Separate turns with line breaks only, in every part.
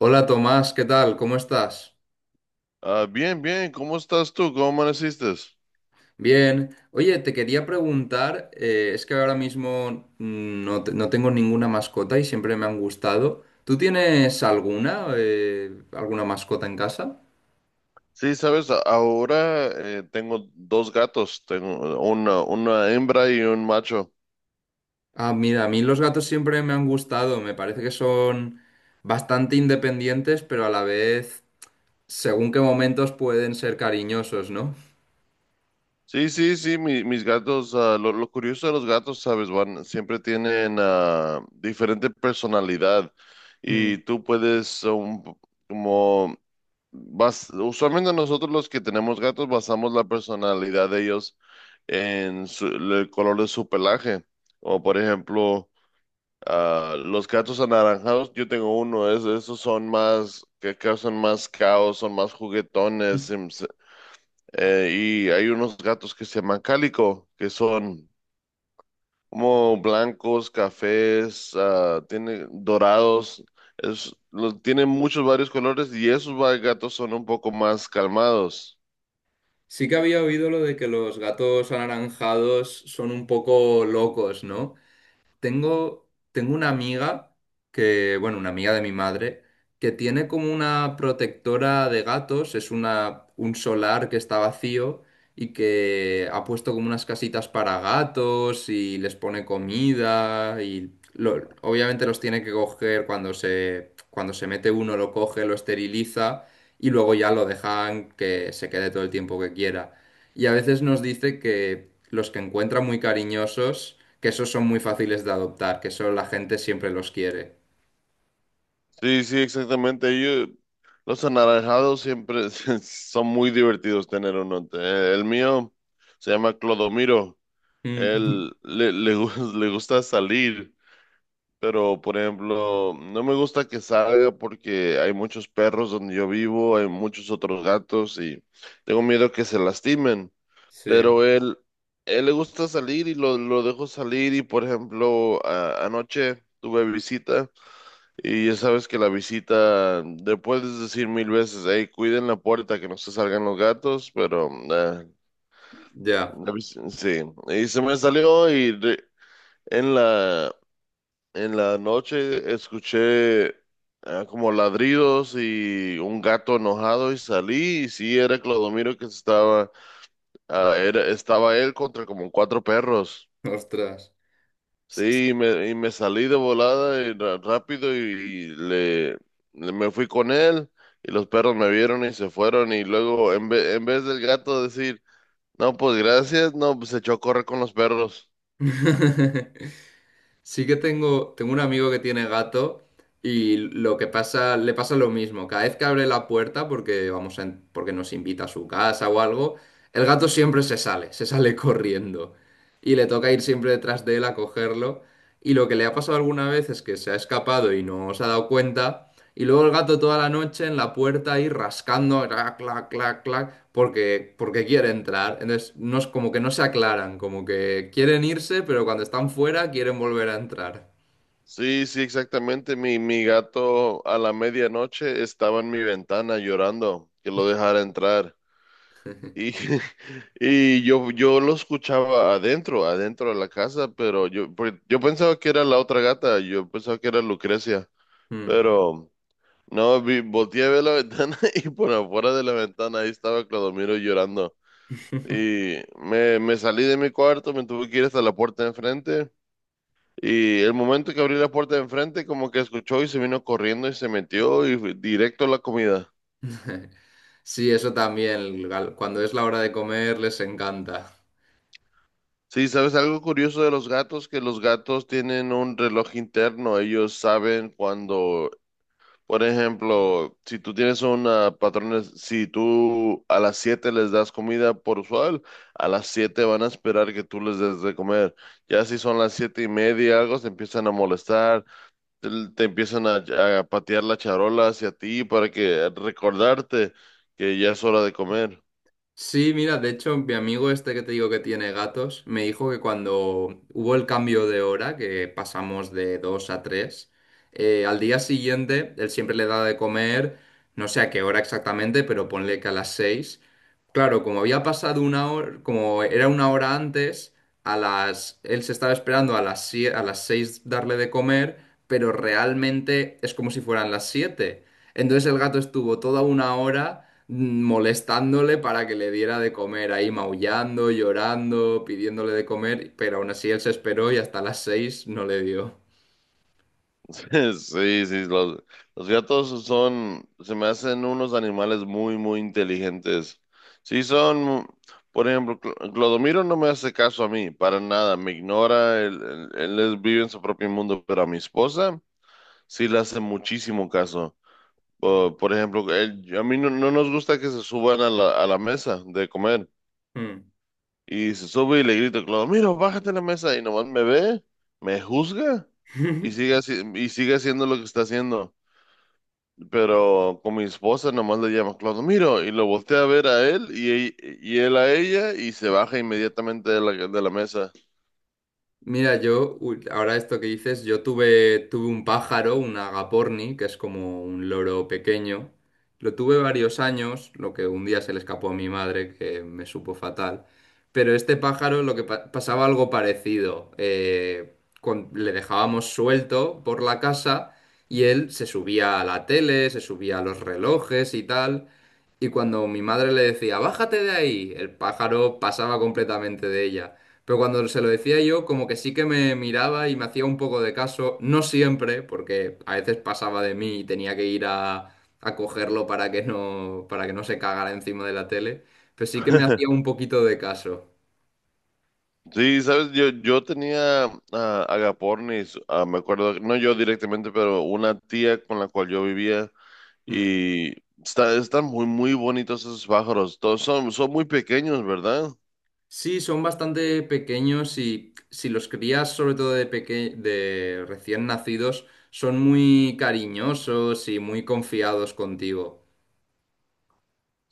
Hola Tomás, ¿qué tal? ¿Cómo estás?
Ah, bien, bien, ¿cómo estás tú? ¿Cómo amaneciste?
Bien. Oye, te quería preguntar, es que ahora mismo no, no tengo ninguna mascota y siempre me han gustado. ¿Tú tienes alguna mascota en casa?
Sí, sabes, ahora tengo dos gatos, tengo una, hembra y un macho.
Ah, mira, a mí los gatos siempre me han gustado. Me parece que son bastante independientes, pero a la vez, según qué momentos pueden ser cariñosos, ¿no?
Sí, sí, sí, mis gatos, lo curioso de los gatos, sabes, van, siempre tienen diferente personalidad y
Mm.
tú puedes, como, usualmente nosotros los que tenemos gatos basamos la personalidad de ellos en el color de su pelaje. O por ejemplo. Ah, los gatos anaranjados, yo tengo uno, esos son más, que causan más caos, son más juguetones. Eh, y hay unos gatos que se llaman cálico, que son como blancos, cafés, tiene dorados, tienen muchos varios colores y gatos son un poco más calmados.
Sí que había oído lo de que los gatos anaranjados son un poco locos, ¿no? Tengo una amiga que, bueno, una amiga de mi madre, que tiene como una protectora de gatos, es un solar que está vacío y que ha puesto como unas casitas para gatos y les pone comida y obviamente los tiene que coger cuando se mete uno, lo coge, lo esteriliza y luego ya lo dejan que se quede todo el tiempo que quiera. Y a veces nos dice que los que encuentra muy cariñosos que esos son muy fáciles de adoptar, que eso la gente siempre los quiere.
Sí, sí, exactamente. Yo, los anaranjados siempre son muy divertidos tener uno. El mío se llama Clodomiro.
Mm.
Él le gusta salir, pero por ejemplo, no me gusta que salga porque hay muchos perros donde yo vivo, hay muchos otros gatos y tengo miedo que se lastimen.
Sí,
Pero él le gusta salir y lo dejo salir y por ejemplo, anoche tuve visita y ya sabes que la visita, le puedes decir mil veces, hey, cuiden la puerta, que no se salgan los gatos, pero,
ya,
sí, y se me salió y en la, en la noche escuché como ladridos y un gato enojado y salí y sí era Clodomiro que estaba, estaba él contra como cuatro perros.
ostras. S- s-
Sí, y me salí de volada y rápido y, me fui con él y los perros me vieron y se fueron y luego en vez del gato decir, no, pues gracias, no, pues se echó a correr con los perros.
Sí que tengo un amigo que tiene gato y lo que pasa, le pasa lo mismo. Cada vez que abre la puerta porque nos invita a su casa o algo, el gato siempre se sale corriendo. Y le toca ir siempre detrás de él a cogerlo. Y lo que le ha pasado alguna vez es que se ha escapado y no se ha dado cuenta. Y luego el gato toda la noche en la puerta ahí rascando, clac, clac, clac, clac, porque quiere entrar. Entonces, no es como que no se aclaran, como que quieren irse, pero cuando están fuera quieren volver a entrar.
Sí, sí, exactamente. Mi gato a la medianoche estaba en mi ventana llorando que lo dejara entrar. Y, y yo lo escuchaba adentro, adentro de la casa, pero yo pensaba que era la otra gata, yo pensaba que era Lucrecia,
Mm.
pero no, volteé a ver la ventana y por afuera de la ventana ahí estaba Clodomiro llorando. Y me salí de mi cuarto, me tuve que ir hasta la puerta de enfrente. Y el momento que abrí la puerta de enfrente, como que escuchó y se vino corriendo y se metió y fue directo a la comida.
Sí, eso también, cuando es la hora de comer les encanta.
Sí, ¿sabes algo curioso de los gatos? Que los gatos tienen un reloj interno. Ellos saben cuando, por ejemplo, si tú tienes una patrona, si tú a las 7 les das comida por usual, a las 7 van a esperar que tú les des de comer. Ya si son las siete y media, algo, se empiezan a molestar te empiezan a patear la charola hacia ti para que recordarte que ya es hora de comer.
Sí, mira, de hecho, mi amigo este que te digo que tiene gatos, me dijo que cuando hubo el cambio de hora, que pasamos de 2 a 3, al día siguiente él siempre le da de comer, no sé a qué hora exactamente, pero ponle que a las 6. Claro, como había pasado una hora, como era una hora antes, él se estaba esperando a las 6 darle de comer, pero realmente es como si fueran las 7. Entonces el gato estuvo toda una hora molestándole para que le diera de comer, ahí maullando, llorando, pidiéndole de comer, pero aún así él se esperó y hasta las 6 no le dio.
Sí, sí, los gatos son, se me hacen unos animales muy, muy inteligentes. Sí, son, por ejemplo, Clodomiro no me hace caso a mí, para nada, me ignora, vive en su propio mundo, pero a mi esposa sí le hace muchísimo caso. Por ejemplo, a mí no nos gusta que se suban a la mesa de comer.
Mm.
Y se sube y le grito, claro, mira, bájate de la mesa y nomás me ve, me juzga y sigue haciendo lo que está haciendo. Pero con mi esposa nomás le llama Claudio, mira, y lo voltea a ver a él y, él a ella y se baja inmediatamente de la mesa.
Mira, ahora esto que dices, yo tuve un pájaro, un agaporni, que es como un loro pequeño. Lo tuve varios años, lo que un día se le escapó a mi madre, que me supo fatal. Pero este pájaro, lo que pasaba algo parecido. Le dejábamos suelto por la casa y él se subía a la tele, se subía a los relojes y tal. Y cuando mi madre le decía, bájate de ahí, el pájaro pasaba completamente de ella. Pero cuando se lo decía yo, como que sí que me miraba y me hacía un poco de caso, no siempre, porque a veces pasaba de mí y tenía que ir a cogerlo para que no se cagara encima de la tele, pero sí que me hacía un poquito de caso.
Sí, sabes, yo tenía a agapornis, me acuerdo, no yo directamente, pero una tía con la cual yo vivía
Mm.
y están muy, muy bonitos esos pájaros. Todos son muy pequeños, ¿verdad?
Sí, son bastante pequeños y si los crías, sobre todo de de recién nacidos, son muy cariñosos y muy confiados contigo.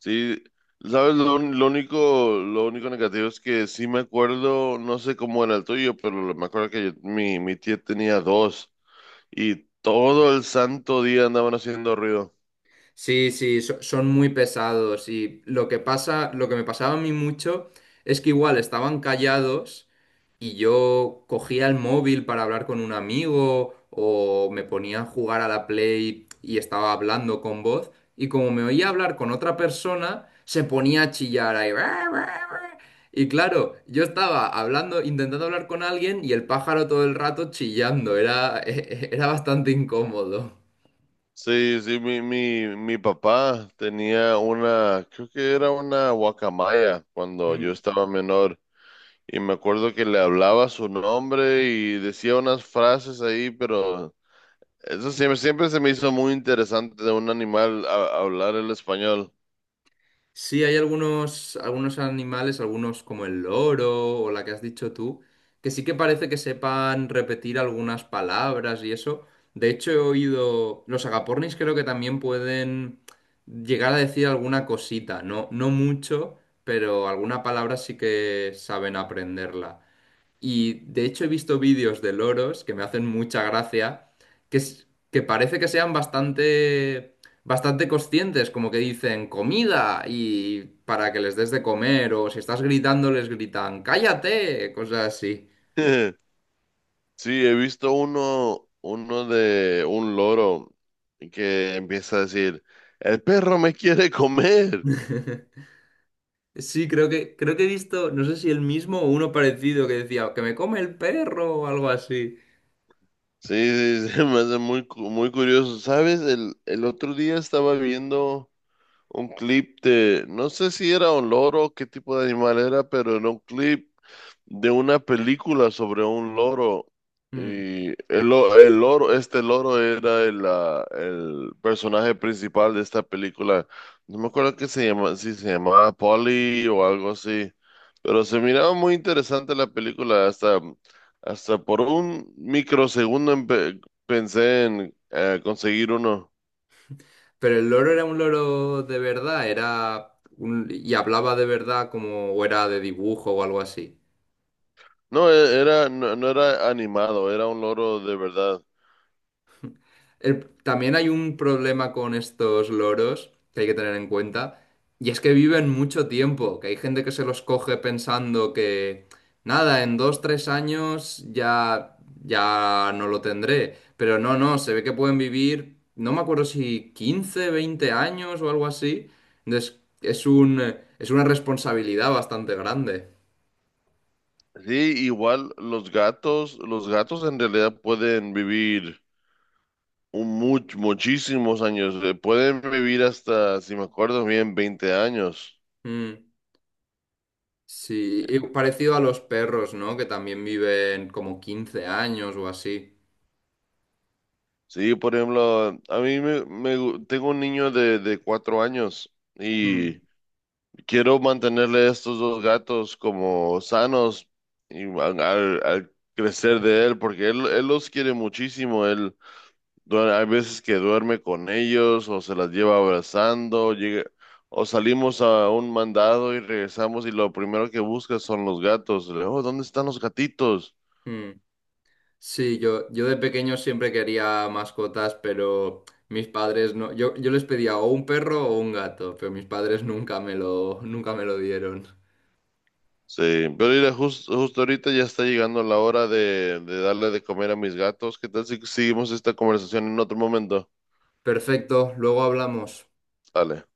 Sí, sabes, lo único negativo es que sí me acuerdo, no sé cómo era el tuyo, pero me acuerdo que mi tía tenía dos y todo el santo día andaban haciendo ruido.
Sí, sí, son muy pesados y lo que pasa, lo que me pasaba a mí mucho es que igual estaban callados y yo cogía el móvil para hablar con un amigo o me ponía a jugar a la Play y estaba hablando con voz y como me oía hablar con otra persona se ponía a chillar ahí. Y claro, yo estaba hablando, intentando hablar con alguien y el pájaro todo el rato chillando, era, era bastante incómodo.
Sí, sí, mi papá tenía una, creo que era una guacamaya cuando yo estaba menor y me acuerdo que le hablaba su nombre y decía unas frases ahí, pero eso siempre se me hizo muy interesante de un animal hablar el español.
Sí, hay algunos animales, algunos como el loro o la que has dicho tú, que sí que parece que sepan repetir algunas palabras y eso. De hecho, he oído, los agapornis creo que también pueden llegar a decir alguna cosita, no, no mucho, pero alguna palabra sí que saben aprenderla. Y de hecho he visto vídeos de loros que me hacen mucha gracia, que, que parece que sean bastante, bastante conscientes, como que dicen comida y para que les des de comer, o si estás gritando les gritan cállate, cosas así.
Sí, he visto uno de un loro que empieza a decir, el perro me quiere comer.
Sí, creo que he visto, no sé si el mismo o uno parecido que decía que me come el perro o algo así.
Sí, sí, sí, me hace muy curioso. ¿Sabes? El otro día estaba viendo un clip de, no sé si era un loro, qué tipo de animal era, pero era un clip de una película sobre un loro.
Mm.
Y el loro, este loro era el personaje principal de esta película. No me acuerdo qué se llama, si se llamaba Polly o algo así. Pero se miraba muy interesante la película. Hasta por un microsegundo pensé en conseguir uno.
Pero el loro era un loro de verdad, y hablaba de verdad como o era de dibujo o algo así.
No, era, no era animado, era un loro de verdad.
También hay un problema con estos loros que hay que tener en cuenta, y es que viven mucho tiempo, que hay gente que se los coge pensando que, nada, en 2, 3 años ya, ya no lo tendré, pero no, no, se ve que pueden vivir, no me acuerdo si 15 20 años o algo así, entonces es una responsabilidad bastante grande.
Sí, igual los gatos en realidad pueden vivir muchísimos años, pueden vivir hasta, si me acuerdo bien, 20 años.
Mm, sí, y parecido a los perros, ¿no? Que también viven como 15 años o así.
Sí, por ejemplo, a mí tengo un niño de, 4 años y
Mm.
quiero mantenerle a estos dos gatos como sanos y al crecer de él, porque él los quiere muchísimo. Hay veces que duerme con ellos o se las lleva abrazando, llega, o salimos a un mandado y regresamos y lo primero que busca son los gatos. Le, digo, oh, ¿dónde están los gatitos?
Mm. Sí, yo de pequeño siempre quería mascotas, pero mis padres no. Yo les pedía o un perro o un gato, pero mis padres nunca me lo dieron.
Sí, pero mira, justo ahorita ya está llegando la hora de, darle de comer a mis gatos. ¿Qué tal si seguimos esta conversación en otro momento?
Perfecto, luego hablamos.
Dale.